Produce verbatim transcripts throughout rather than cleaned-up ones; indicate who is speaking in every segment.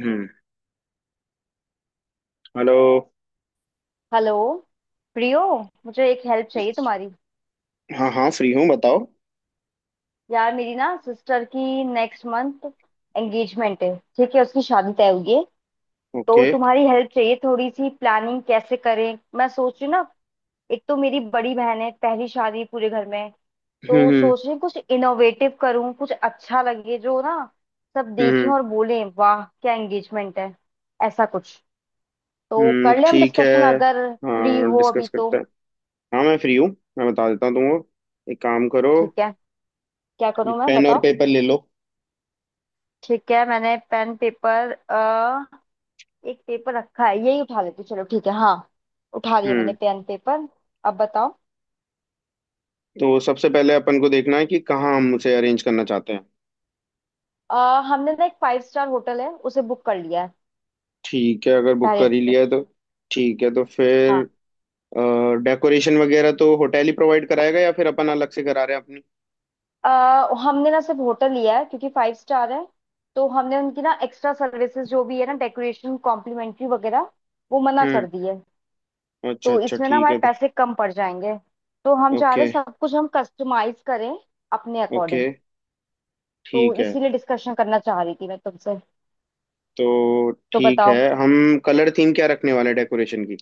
Speaker 1: हम्म। Hello.
Speaker 2: Hello Priyo. मुझे एक help चाहिए तुम्हारी।
Speaker 1: हाँ हाँ, फ्री हूँ, बताओ।
Speaker 2: यार मेरी ना सिस्टर की नेक्स्ट मंथ एंगेजमेंट है, ठीक है, उसकी शादी तय हुई है। तो
Speaker 1: ओके।
Speaker 2: तुम्हारी हेल्प चाहिए, थोड़ी सी प्लानिंग कैसे करें मैं सोच रही हूँ ना। एक तो मेरी बड़ी बहन है, पहली शादी है पूरे घर में।
Speaker 1: हम्म
Speaker 2: तो
Speaker 1: हम्म
Speaker 2: सोच रही हूँ कुछ इनोवेटिव करूँ, कुछ अच्छा लगे जो ना। सब देखें
Speaker 1: हम्म
Speaker 2: और बोलें वाह क्या एंगेजमेंट है, ऐसा कुछ। तो
Speaker 1: हम्म,
Speaker 2: कर ले हम
Speaker 1: ठीक है।
Speaker 2: डिस्कशन, अगर फ्री
Speaker 1: हाँ,
Speaker 2: हो अभी
Speaker 1: डिस्कस
Speaker 2: तो।
Speaker 1: करते हैं। हाँ, मैं फ्री हूँ। मैं बता देता हूँ तुमको, एक काम करो,
Speaker 2: ठीक है, क्या करूँ मैं
Speaker 1: पेन और
Speaker 2: बताओ।
Speaker 1: पेपर ले लो।
Speaker 2: ठीक है, मैंने पेन पेपर अ एक पेपर रखा है यही उठा लेती हूँ, चलो ठीक है, हाँ। उठा लिया मैंने
Speaker 1: हम्म।
Speaker 2: Pen paper. अब बताओ।
Speaker 1: तो सबसे पहले अपन को देखना है कि कहाँ हम उसे अरेंज करना चाहते हैं।
Speaker 2: अ, हमने ना एक फाइव स्टार होटल है उसे बुक कर लिया है
Speaker 1: ठीक है, अगर बुक
Speaker 2: पहले
Speaker 1: कर ही
Speaker 2: से।
Speaker 1: लिया है तो ठीक है, तो फिर
Speaker 2: हाँ।
Speaker 1: डेकोरेशन वगैरह तो होटल ही प्रोवाइड कराएगा या फिर अपन अलग से करा रहे हैं अपनी।
Speaker 2: अ, हमने ना सिर्फ होटल लिया है क्योंकि फाइव स्टार है। तो हमने उनकी ना एक्स्ट्रा सर्विसेज जो भी है ना डेकोरेशन कॉम्प्लीमेंट्री वगैरह वो मना
Speaker 1: हम्म,
Speaker 2: कर दी है।
Speaker 1: अच्छा
Speaker 2: तो
Speaker 1: अच्छा,
Speaker 2: इसमें ना
Speaker 1: ठीक है।
Speaker 2: हमारे पैसे कम पड़ जाएंगे। तो हम चाह रहे
Speaker 1: ओके
Speaker 2: हैं सब कुछ हम कस्टमाइज करें अपने
Speaker 1: ओके,
Speaker 2: अकॉर्डिंग। तो
Speaker 1: ठीक है।
Speaker 2: इसीलिए डिस्कशन करना चाह रही थी मैं तुमसे।
Speaker 1: तो
Speaker 2: तो
Speaker 1: ठीक है।
Speaker 2: बताओ।
Speaker 1: हम कलर थीम क्या रखने वाले हैं डेकोरेशन की,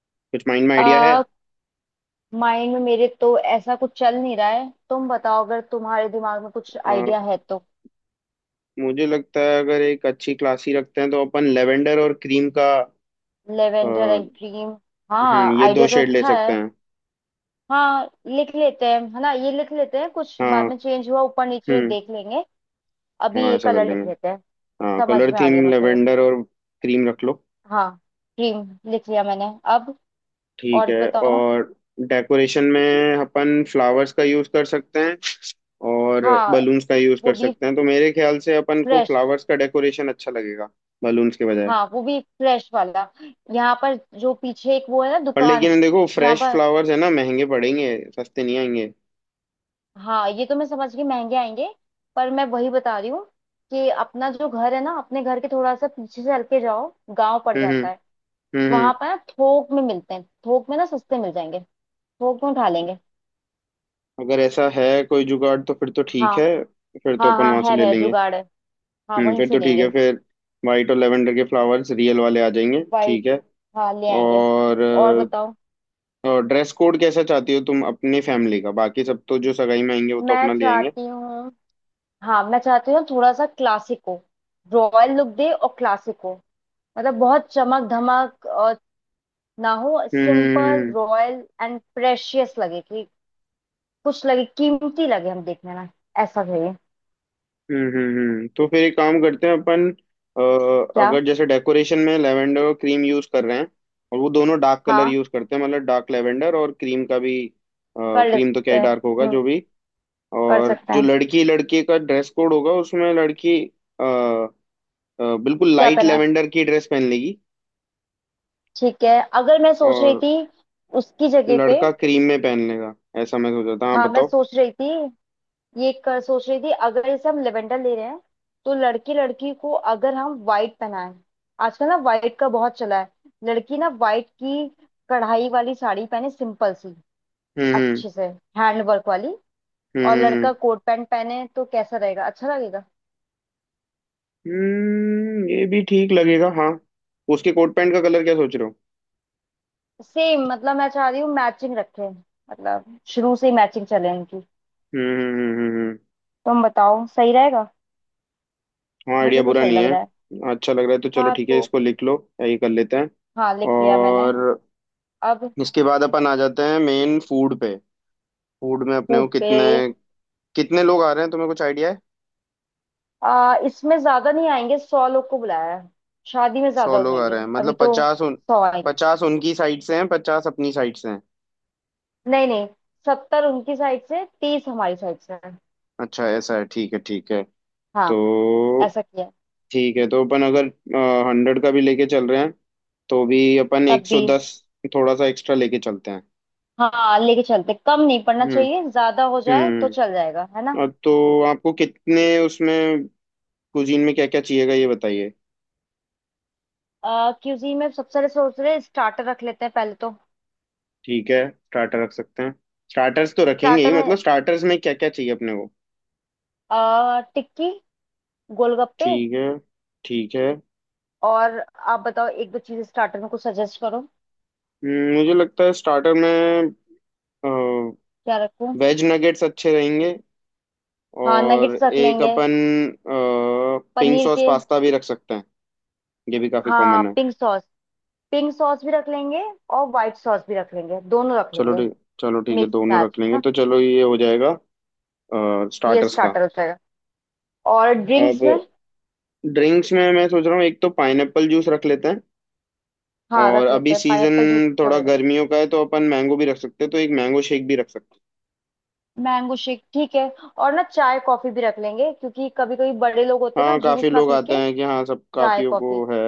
Speaker 1: कुछ माइंड में आइडिया है?
Speaker 2: आ, माइंड में मेरे तो ऐसा कुछ चल नहीं रहा है, तुम बताओ अगर तुम्हारे दिमाग में कुछ आइडिया
Speaker 1: अ,
Speaker 2: है तो।
Speaker 1: मुझे लगता है अगर एक अच्छी क्लासी रखते हैं तो अपन लेवेंडर और क्रीम का। अ,
Speaker 2: लेवेंडर एंड क्रीम।
Speaker 1: हम्म,
Speaker 2: हाँ
Speaker 1: ये दो
Speaker 2: आइडिया तो
Speaker 1: शेड ले
Speaker 2: अच्छा
Speaker 1: सकते
Speaker 2: है।
Speaker 1: हैं।
Speaker 2: हाँ लिख लेते हैं है ना, ये लिख लेते हैं, कुछ बाद
Speaker 1: हाँ।
Speaker 2: में चेंज हुआ ऊपर नीचे
Speaker 1: हम्म।
Speaker 2: देख लेंगे। अभी
Speaker 1: हाँ,
Speaker 2: ये
Speaker 1: ऐसा कर
Speaker 2: कलर
Speaker 1: लेंगे।
Speaker 2: लिख लेते हैं।
Speaker 1: हाँ,
Speaker 2: समझ
Speaker 1: कलर
Speaker 2: में आ गया
Speaker 1: थीम
Speaker 2: मुझे।
Speaker 1: लेवेंडर और क्रीम रख लो।
Speaker 2: हाँ। क्रीम। लिख लिया मैंने। अब
Speaker 1: ठीक
Speaker 2: और
Speaker 1: है।
Speaker 2: बताओ।
Speaker 1: और डेकोरेशन में अपन फ्लावर्स का यूज़ कर सकते हैं, और
Speaker 2: हाँ
Speaker 1: बलून्स का यूज़
Speaker 2: वो
Speaker 1: कर
Speaker 2: भी
Speaker 1: सकते हैं, तो मेरे ख्याल से अपन को
Speaker 2: फ्रेश।
Speaker 1: फ्लावर्स का डेकोरेशन अच्छा लगेगा बलून्स के बजाय।
Speaker 2: हाँ वो भी फ्रेश वाला। यहाँ पर जो पीछे एक वो है ना
Speaker 1: पर
Speaker 2: दुकान,
Speaker 1: लेकिन देखो,
Speaker 2: जहाँ
Speaker 1: फ्रेश
Speaker 2: पर।
Speaker 1: फ्लावर्स है ना, महंगे पड़ेंगे, सस्ते नहीं आएंगे।
Speaker 2: हाँ ये तो मैं समझ गई महंगे आएंगे, पर मैं वही बता रही हूँ कि अपना जो घर है ना, अपने घर के थोड़ा सा पीछे से हल्के जाओ गांव पड़
Speaker 1: हम्म हम्म।
Speaker 2: जाता है।
Speaker 1: हम्म
Speaker 2: वहां
Speaker 1: हम्म।
Speaker 2: पर ना थोक में मिलते हैं, थोक में ना सस्ते मिल जाएंगे। थोक में उठा लेंगे।
Speaker 1: अगर ऐसा है कोई जुगाड़ तो फिर तो ठीक
Speaker 2: हाँ
Speaker 1: है, फिर तो
Speaker 2: हाँ,
Speaker 1: अपन
Speaker 2: हाँ
Speaker 1: वहां से
Speaker 2: है
Speaker 1: ले
Speaker 2: मेरा
Speaker 1: लेंगे।
Speaker 2: जुगाड़ है। हाँ
Speaker 1: हम्म,
Speaker 2: वहीं
Speaker 1: फिर
Speaker 2: से
Speaker 1: तो ठीक
Speaker 2: लेंगे।
Speaker 1: है फिर। वाइट और लेवेंडर के फ्लावर्स रियल वाले आ जाएंगे,
Speaker 2: वाइट।
Speaker 1: ठीक है।
Speaker 2: हाँ ले आएंगे।
Speaker 1: और,
Speaker 2: और बताओ।
Speaker 1: और ड्रेस कोड कैसा चाहती हो तुम अपनी फैमिली का, बाकी सब तो जो सगाई में आएंगे वो तो
Speaker 2: मैं
Speaker 1: अपना ले आएंगे।
Speaker 2: चाहती हूँ, हाँ मैं चाहती हूँ थोड़ा सा क्लासिक हो। रॉयल लुक दे और क्लासिक हो। मतलब बहुत चमक धमक ना हो,
Speaker 1: हम्म हम्म,
Speaker 2: सिंपल
Speaker 1: हम्म।
Speaker 2: रॉयल एंड प्रेशियस लगे कि कुछ लगे, कीमती लगे हम देखने में। ऐसा चाहिए।
Speaker 1: हम्म हम्म हम्म। तो फिर एक काम करते हैं अपन। अ,
Speaker 2: क्या।
Speaker 1: अगर जैसे डेकोरेशन में लेवेंडर और क्रीम यूज कर रहे हैं, और वो दोनों डार्क कलर
Speaker 2: हाँ
Speaker 1: यूज करते हैं, मतलब डार्क लेवेंडर और क्रीम का भी।
Speaker 2: कर
Speaker 1: क्रीम तो क्या
Speaker 2: सकते
Speaker 1: ही
Speaker 2: हैं।
Speaker 1: डार्क होगा,
Speaker 2: हम्म
Speaker 1: जो भी।
Speaker 2: कर
Speaker 1: और
Speaker 2: सकते
Speaker 1: जो
Speaker 2: हैं।
Speaker 1: लड़की लड़के का ड्रेस कोड होगा उसमें लड़की अ, अ, बिल्कुल
Speaker 2: क्या
Speaker 1: लाइट
Speaker 2: पहना है।
Speaker 1: लेवेंडर की ड्रेस पहन लेगी,
Speaker 2: ठीक है, अगर मैं सोच रही
Speaker 1: और
Speaker 2: थी उसकी जगह पे।
Speaker 1: लड़का क्रीम में पहन लेगा। ऐसा मैं सोचा था, हाँ
Speaker 2: हाँ मैं
Speaker 1: बताओ।
Speaker 2: सोच रही थी ये कर सोच रही थी अगर इसे हम लेवेंडर ले रहे हैं, तो लड़की लड़की को अगर हम वाइट पहनाएं। आजकल ना वाइट का बहुत चला है। लड़की ना वाइट की कढ़ाई वाली साड़ी पहने सिंपल सी,
Speaker 1: हम्म
Speaker 2: अच्छे से हैंड वर्क वाली।
Speaker 1: हम्म
Speaker 2: और
Speaker 1: हम्म हम्म हम्म।
Speaker 2: लड़का कोट पैंट पहने तो कैसा रहेगा, अच्छा लगेगा।
Speaker 1: हम्म, ये भी ठीक लगेगा, हाँ। उसके कोट पैंट का कलर क्या सोच रहे हो?
Speaker 2: सेम, मतलब मैं चाह रही हूँ मैचिंग रखें, मतलब शुरू से ही मैचिंग चले इनकी।
Speaker 1: हम्म हम्म हम्म, हम्म। हम्म।
Speaker 2: तुम बताओ सही रहेगा।
Speaker 1: हाँ, आइडिया
Speaker 2: मुझे तो
Speaker 1: बुरा
Speaker 2: सही
Speaker 1: नहीं
Speaker 2: लग
Speaker 1: है।
Speaker 2: रहा है।
Speaker 1: अच्छा लग रहा है तो चलो
Speaker 2: हाँ
Speaker 1: ठीक है,
Speaker 2: तो।
Speaker 1: इसको लिख लो, यही कर लेते हैं।
Speaker 2: हाँ लिख लिया मैंने।
Speaker 1: और
Speaker 2: अब
Speaker 1: इसके बाद अपन आ जाते हैं मेन फूड पे। फूड में अपने
Speaker 2: फूड
Speaker 1: को
Speaker 2: पे।
Speaker 1: कितने कितने लोग आ रहे हैं, तुम्हें कुछ आइडिया है?
Speaker 2: आ, इसमें ज्यादा नहीं आएंगे, सौ लोग को बुलाया है। शादी में
Speaker 1: सौ
Speaker 2: ज्यादा हो
Speaker 1: लोग आ रहे
Speaker 2: जाएंगे,
Speaker 1: हैं
Speaker 2: अभी
Speaker 1: मतलब
Speaker 2: तो
Speaker 1: पचास उन
Speaker 2: सौ आएंगे।
Speaker 1: पचास उनकी साइड से हैं, पचास अपनी साइड से हैं?
Speaker 2: नहीं नहीं, सत्तर उनकी साइड से तीस हमारी साइड से है।
Speaker 1: अच्छा ऐसा है, ठीक है ठीक है।
Speaker 2: हाँ
Speaker 1: तो
Speaker 2: ऐसा किया।
Speaker 1: ठीक है, तो अपन अगर हंड्रेड का भी लेके चल रहे हैं तो भी अपन
Speaker 2: तब
Speaker 1: एक सौ
Speaker 2: भी
Speaker 1: दस थोड़ा सा एक्स्ट्रा लेके चलते हैं।
Speaker 2: हाँ लेके चलते, कम नहीं पड़ना
Speaker 1: हम्म।
Speaker 2: चाहिए, ज्यादा हो जाए तो चल
Speaker 1: हम्म।
Speaker 2: जाएगा है ना।
Speaker 1: अ, तो आपको कितने उसमें, कुजीन में क्या क्या चाहिएगा ये बताइए।
Speaker 2: क्यूजीन में सबसे पहले सोच रहे स्टार्टर रख लेते हैं पहले तो।
Speaker 1: ठीक है, स्टार्टर रख सकते हैं। स्टार्टर्स तो रखेंगे ही,
Speaker 2: स्टार्टर में
Speaker 1: मतलब स्टार्टर्स में क्या क्या चाहिए अपने को?
Speaker 2: आ, टिक्की, गोलगप्पे।
Speaker 1: ठीक है। ठीक है।
Speaker 2: और आप बताओ एक दो चीज स्टार्टर में कुछ सजेस्ट करो।
Speaker 1: हम्म, मुझे लगता है स्टार्टर में
Speaker 2: क्या रखूं।
Speaker 1: वेज नगेट्स अच्छे रहेंगे,
Speaker 2: हाँ
Speaker 1: और
Speaker 2: नगेट्स रख
Speaker 1: एक
Speaker 2: लेंगे,
Speaker 1: अपन पिंक
Speaker 2: पनीर
Speaker 1: सॉस
Speaker 2: के।
Speaker 1: पास्ता भी रख सकते हैं, ये भी काफी
Speaker 2: हाँ
Speaker 1: कॉमन है।
Speaker 2: पिंक सॉस, पिंक सॉस भी रख लेंगे। और व्हाइट सॉस भी रख लेंगे, दोनों रख
Speaker 1: चलो
Speaker 2: लेंगे।
Speaker 1: ठीक। चलो ठीक है,
Speaker 2: मिक्स
Speaker 1: दोनों
Speaker 2: मैच
Speaker 1: रख
Speaker 2: है
Speaker 1: लेंगे,
Speaker 2: ना।
Speaker 1: तो चलो ये हो जाएगा
Speaker 2: ये
Speaker 1: स्टार्टर्स का।
Speaker 2: स्टार्टर हो जाएगा। और
Speaker 1: अब
Speaker 2: ड्रिंक्स में।
Speaker 1: ड्रिंक्स में मैं सोच रहा हूँ एक तो पाइनएप्पल जूस रख लेते हैं,
Speaker 2: हाँ
Speaker 1: और
Speaker 2: रख
Speaker 1: अभी
Speaker 2: लेते हैं पाइनएप्पल जूस
Speaker 1: सीजन
Speaker 2: अच्छा
Speaker 1: थोड़ा
Speaker 2: रहेगा।
Speaker 1: गर्मियों का है तो अपन मैंगो भी रख सकते हैं, तो एक मैंगो शेक भी रख सकते हैं।
Speaker 2: मैंगो शेक ठीक है। और ना चाय कॉफी भी रख लेंगे क्योंकि कभी कभी बड़े लोग होते हैं ना
Speaker 1: हाँ काफी
Speaker 2: जूस ना
Speaker 1: लोग
Speaker 2: पी
Speaker 1: आते
Speaker 2: के।
Speaker 1: हैं कि हाँ सब
Speaker 2: चाय
Speaker 1: काफियों को
Speaker 2: कॉफी।
Speaker 1: है,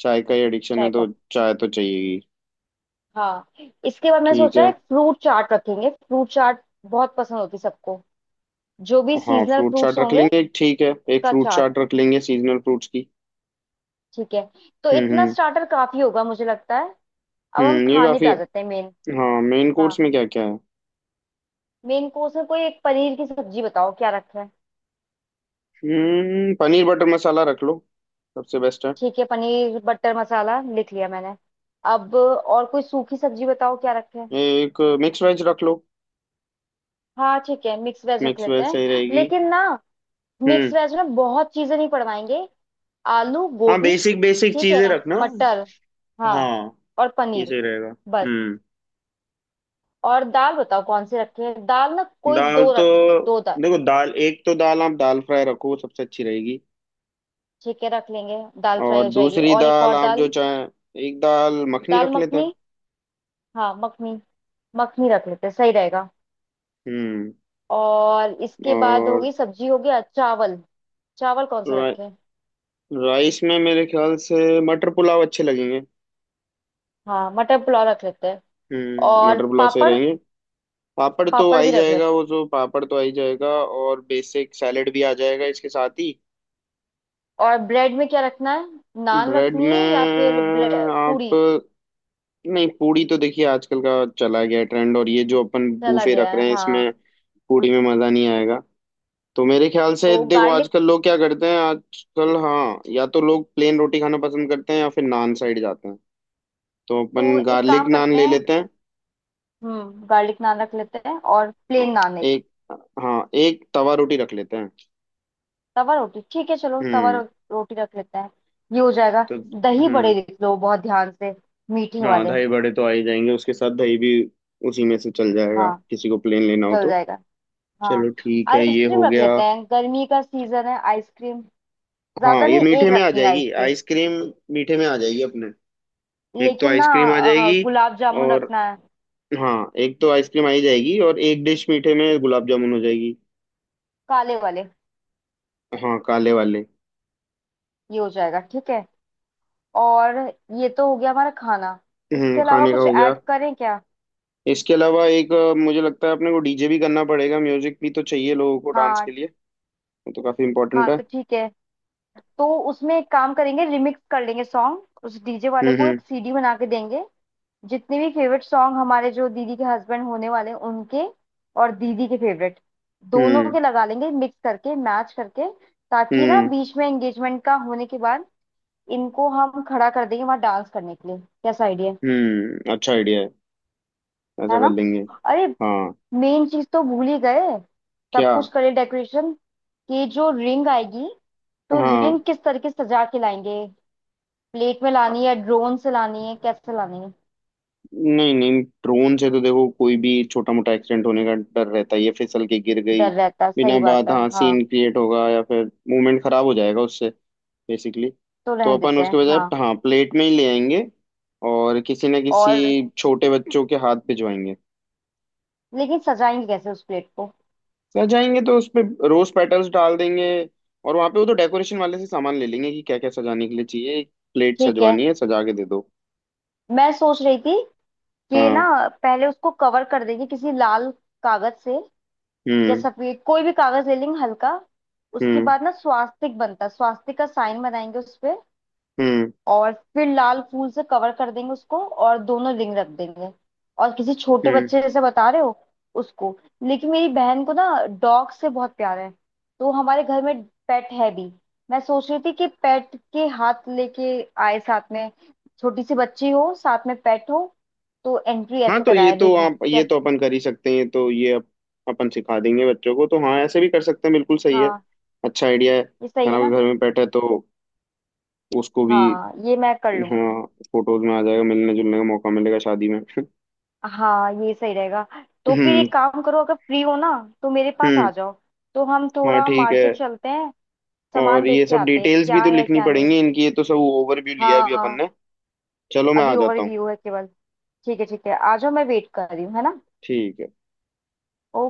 Speaker 1: चाय का ही एडिक्शन है,
Speaker 2: चाय
Speaker 1: तो
Speaker 2: कॉफी।
Speaker 1: चाय तो चाहिए।
Speaker 2: हाँ। इसके बाद मैंने
Speaker 1: ठीक
Speaker 2: सोचा
Speaker 1: है।
Speaker 2: है फ्रूट चाट रखेंगे, फ्रूट चाट बहुत पसंद होती सबको, जो भी
Speaker 1: हाँ,
Speaker 2: सीजनल
Speaker 1: फ्रूट चाट
Speaker 2: फ्रूट्स
Speaker 1: रख
Speaker 2: होंगे
Speaker 1: लेंगे, ठीक है, एक
Speaker 2: उसका
Speaker 1: फ्रूट
Speaker 2: चाट।
Speaker 1: चाट रख लेंगे सीजनल फ्रूट्स की।
Speaker 2: ठीक है। तो
Speaker 1: हम्म
Speaker 2: इतना
Speaker 1: हम्म।
Speaker 2: स्टार्टर काफी होगा मुझे लगता है। अब हम
Speaker 1: हम्म, ये
Speaker 2: खाने पे
Speaker 1: काफी।
Speaker 2: आ जाते हैं, मेन।
Speaker 1: हाँ, मेन
Speaker 2: हाँ
Speaker 1: कोर्स में क्या क्या है?
Speaker 2: मेन कोर्स में कोई एक पनीर की सब्जी बताओ क्या रखा है।
Speaker 1: हम्म पनीर बटर मसाला रख लो, सबसे बेस्ट है।
Speaker 2: ठीक है पनीर बटर मसाला लिख लिया मैंने। अब और कोई सूखी सब्जी बताओ क्या रखा है।
Speaker 1: एक मिक्स वेज रख लो।
Speaker 2: हाँ ठीक है मिक्स वेज रख
Speaker 1: मिक्स
Speaker 2: लेते
Speaker 1: वेज सही
Speaker 2: हैं,
Speaker 1: रहेगी।
Speaker 2: लेकिन ना मिक्स
Speaker 1: हम्म।
Speaker 2: वेज में बहुत चीजें नहीं पड़वाएंगे। आलू
Speaker 1: हाँ,
Speaker 2: गोभी।
Speaker 1: बेसिक बेसिक
Speaker 2: ठीक
Speaker 1: चीजें
Speaker 2: है,
Speaker 1: रखना।
Speaker 2: मटर, हाँ,
Speaker 1: हाँ,
Speaker 2: और
Speaker 1: ये
Speaker 2: पनीर,
Speaker 1: सही रहेगा।
Speaker 2: बस।
Speaker 1: हम्म।
Speaker 2: और दाल बताओ कौन सी रखें, दाल ना कोई
Speaker 1: दाल
Speaker 2: दो
Speaker 1: तो
Speaker 2: रखेंगे, दो दाल।
Speaker 1: देखो, दाल, एक तो दाल आप दाल फ्राई रखो, वो सबसे अच्छी रहेगी।
Speaker 2: ठीक है रख लेंगे, दाल फ्राई
Speaker 1: और
Speaker 2: हो जाएगी,
Speaker 1: दूसरी
Speaker 2: और एक
Speaker 1: दाल
Speaker 2: और
Speaker 1: आप जो
Speaker 2: दाल।
Speaker 1: चाहे, एक दाल मखनी
Speaker 2: दाल
Speaker 1: रख लेते
Speaker 2: मखनी,
Speaker 1: हैं।
Speaker 2: हाँ मखनी, मखनी रख लेते हैं, सही रहेगा।
Speaker 1: हम्म।
Speaker 2: और इसके बाद
Speaker 1: और
Speaker 2: होगी सब्जी हो गया चावल। चावल कौन से
Speaker 1: रा,
Speaker 2: रखें।
Speaker 1: राइस में मेरे ख्याल से मटर पुलाव अच्छे लगेंगे।
Speaker 2: हाँ मटर पुलाव रख लेते हैं।
Speaker 1: हम्म,
Speaker 2: और
Speaker 1: मटर पुलाव सही
Speaker 2: पापड़,
Speaker 1: रहेंगे। पापड़ तो आ
Speaker 2: पापड़ भी
Speaker 1: ही
Speaker 2: रख
Speaker 1: जाएगा,
Speaker 2: लेते हैं।
Speaker 1: वो जो पापड़ तो आ ही जाएगा। और बेसिक सैलेड भी आ जाएगा इसके साथ ही।
Speaker 2: और ब्रेड में क्या रखना है, नान
Speaker 1: ब्रेड
Speaker 2: रखनी है या
Speaker 1: में
Speaker 2: फिर ब्रे-
Speaker 1: आप,
Speaker 2: पूरी।
Speaker 1: नहीं, पूरी तो देखिए आजकल का चला गया ट्रेंड, और ये जो अपन
Speaker 2: चला
Speaker 1: बूफे
Speaker 2: गया
Speaker 1: रख
Speaker 2: है
Speaker 1: रहे हैं इसमें
Speaker 2: हाँ।
Speaker 1: पूरी में मजा नहीं आएगा। तो मेरे ख्याल से
Speaker 2: तो
Speaker 1: देखो
Speaker 2: गार्लिक,
Speaker 1: आजकल लोग क्या करते हैं आजकल, हाँ, या तो लोग प्लेन रोटी खाना पसंद करते हैं या फिर नान साइड जाते हैं, तो
Speaker 2: तो
Speaker 1: अपन
Speaker 2: एक
Speaker 1: गार्लिक
Speaker 2: काम
Speaker 1: नान
Speaker 2: करते
Speaker 1: ले
Speaker 2: हैं,
Speaker 1: लेते हैं।
Speaker 2: हम्म गार्लिक नान रख लेते हैं और प्लेन नान एक,
Speaker 1: एक, हाँ, एक तवा रोटी रख लेते हैं।
Speaker 2: तवा रोटी ठीक है, चलो तवा रो,
Speaker 1: हम्म।
Speaker 2: रोटी रख लेते हैं, ये हो जाएगा।
Speaker 1: तो
Speaker 2: दही
Speaker 1: हम्म।
Speaker 2: बड़े लिख लो बहुत ध्यान से, मीठे
Speaker 1: हाँ,
Speaker 2: वाले।
Speaker 1: दही बड़े तो आ ही जाएंगे, उसके साथ दही भी उसी में से चल जाएगा,
Speaker 2: हाँ
Speaker 1: किसी को प्लेन लेना हो
Speaker 2: चल
Speaker 1: तो।
Speaker 2: जाएगा।
Speaker 1: चलो
Speaker 2: हाँ
Speaker 1: ठीक है, ये
Speaker 2: आइसक्रीम
Speaker 1: हो
Speaker 2: रख
Speaker 1: गया।
Speaker 2: लेते हैं, गर्मी का सीजन है आइसक्रीम, ज्यादा
Speaker 1: हाँ, ये
Speaker 2: नहीं
Speaker 1: मीठे
Speaker 2: एक
Speaker 1: में आ
Speaker 2: रखेंगे
Speaker 1: जाएगी
Speaker 2: आइसक्रीम।
Speaker 1: आइसक्रीम, मीठे में आ जाएगी अपने, एक तो
Speaker 2: लेकिन ना
Speaker 1: आइसक्रीम आ
Speaker 2: अ,
Speaker 1: जाएगी।
Speaker 2: गुलाब जामुन
Speaker 1: और,
Speaker 2: रखना है।
Speaker 1: हाँ, एक तो आइसक्रीम आ ही जाएगी, और एक डिश मीठे में गुलाब जामुन हो जाएगी।
Speaker 2: काले वाले।
Speaker 1: हाँ, काले वाले।
Speaker 2: ये हो जाएगा ठीक है। और ये तो हो गया हमारा खाना। इसके
Speaker 1: हम्म,
Speaker 2: अलावा
Speaker 1: खाने का
Speaker 2: कुछ
Speaker 1: हो गया।
Speaker 2: ऐड करें क्या।
Speaker 1: इसके अलावा एक अ, मुझे लगता है अपने को डीजे भी करना पड़ेगा, म्यूजिक भी तो चाहिए लोगों को डांस के
Speaker 2: हाँ।
Speaker 1: लिए, वो तो काफी इम्पोर्टेंट
Speaker 2: हाँ
Speaker 1: है।
Speaker 2: तो ठीक है, तो उसमें एक काम करेंगे, रिमिक्स कर लेंगे सॉन्ग, उस डीजे वाले
Speaker 1: हम्म
Speaker 2: को
Speaker 1: हम्म
Speaker 2: एक सीडी बना के देंगे, जितने भी फेवरेट सॉन्ग हमारे जो दीदी के हस्बैंड होने वाले हैं उनके और दीदी के फेवरेट, दोनों
Speaker 1: हम्म
Speaker 2: के लगा लेंगे मिक्स करके मैच करके, ताकि ना
Speaker 1: हम्म
Speaker 2: बीच में एंगेजमेंट का होने के बाद इनको हम खड़ा कर देंगे वहां डांस करने के लिए। कैसा आइडिया,
Speaker 1: हम्म। अच्छा आइडिया है, ऐसा
Speaker 2: है
Speaker 1: कर
Speaker 2: ना।
Speaker 1: लेंगे।
Speaker 2: अरे
Speaker 1: हाँ।
Speaker 2: मेन चीज तो भूल ही गए। सब
Speaker 1: क्या?
Speaker 2: कुछ करे डेकोरेशन, कि जो रिंग आएगी तो
Speaker 1: हाँ।
Speaker 2: रिंग किस तरह की सजा के लाएंगे। प्लेट में लानी है, ड्रोन से लानी है, कैसे लानी है।
Speaker 1: नहीं नहीं, ड्रोन से तो देखो, कोई भी छोटा मोटा एक्सीडेंट होने का डर रहता है, ये फिसल के गिर गई,
Speaker 2: डर रहता है,
Speaker 1: बिना
Speaker 2: सही बात
Speaker 1: बात
Speaker 2: है,
Speaker 1: हाँ
Speaker 2: हाँ
Speaker 1: सीन क्रिएट होगा या फिर मूवमेंट खराब हो जाएगा उससे, बेसिकली।
Speaker 2: तो
Speaker 1: तो
Speaker 2: रहने
Speaker 1: अपन
Speaker 2: देते
Speaker 1: उसके
Speaker 2: हैं।
Speaker 1: बजाय
Speaker 2: हाँ।
Speaker 1: हाँ प्लेट में ही ले आएंगे, और किसी ना
Speaker 2: और,
Speaker 1: किसी छोटे बच्चों के हाथ भिजवाएंगे।
Speaker 2: लेकिन सजाएंगे कैसे उस प्लेट को।
Speaker 1: सजाएंगे तो उसपे रोज पेटल्स डाल देंगे, और वहां पे वो तो डेकोरेशन वाले से सामान ले लेंगे कि क्या क्या सजाने के लिए चाहिए, एक प्लेट
Speaker 2: ठीक है,
Speaker 1: सजवानी है, सजा के दे दो।
Speaker 2: मैं सोच रही थी कि ना
Speaker 1: हाँ।
Speaker 2: पहले उसको कवर कर देंगे किसी लाल कागज से, या
Speaker 1: हम्म
Speaker 2: सफेद, कोई भी कागज ले लेंगे हल्का। उसके
Speaker 1: हम्म
Speaker 2: बाद ना स्वास्तिक बनता है, स्वास्तिक का साइन बनाएंगे उस पे,
Speaker 1: हम्म
Speaker 2: और फिर लाल फूल से कवर कर देंगे उसको और दोनों रिंग रख देंगे। और किसी छोटे
Speaker 1: हम्म।
Speaker 2: बच्चे जैसे बता रहे हो, उसको। लेकिन मेरी बहन को ना डॉग से बहुत प्यार है, तो हमारे घर में पेट है भी, मैं सोच रही थी कि पेट के हाथ लेके आए साथ में, छोटी सी बच्ची हो साथ में पेट हो, तो एंट्री
Speaker 1: हाँ
Speaker 2: ऐसे
Speaker 1: तो ये
Speaker 2: कराए
Speaker 1: तो
Speaker 2: रिंग
Speaker 1: आप,
Speaker 2: की,
Speaker 1: ये
Speaker 2: क्या।
Speaker 1: तो अपन कर ही सकते हैं, ये तो, ये अप, अपन सिखा देंगे बच्चों को तो, हाँ ऐसे भी कर सकते हैं, बिल्कुल सही है।
Speaker 2: हाँ
Speaker 1: अच्छा आइडिया है,
Speaker 2: ये सही है
Speaker 1: खाना भी
Speaker 2: ना।
Speaker 1: घर में बैठा है तो उसको भी।
Speaker 2: हाँ ये मैं कर लूंगी।
Speaker 1: हाँ, फोटोज में आ जाएगा, मिलने जुलने का मौका मिलेगा शादी में
Speaker 2: हाँ ये सही रहेगा। तो फिर
Speaker 1: हम्म
Speaker 2: एक काम करो, अगर फ्री हो ना तो मेरे पास
Speaker 1: हम्म।
Speaker 2: आ जाओ। तो हम
Speaker 1: हाँ,
Speaker 2: थोड़ा
Speaker 1: ठीक है।
Speaker 2: मार्केट चलते हैं, सामान
Speaker 1: और ये
Speaker 2: देख के
Speaker 1: सब
Speaker 2: आते हैं
Speaker 1: डिटेल्स भी
Speaker 2: क्या
Speaker 1: तो
Speaker 2: है
Speaker 1: लिखनी
Speaker 2: क्या नहीं।
Speaker 1: पड़ेंगी इनकी, ये तो सब ओवरव्यू लिया
Speaker 2: हाँ
Speaker 1: अभी अपन
Speaker 2: हाँ।
Speaker 1: ने। चलो मैं आ
Speaker 2: अभी
Speaker 1: जाता हूँ।
Speaker 2: ओवरव्यू है केवल। ठीक है ठीक है आ जाओ, मैं वेट कर रही हूँ है ना।
Speaker 1: ठीक है।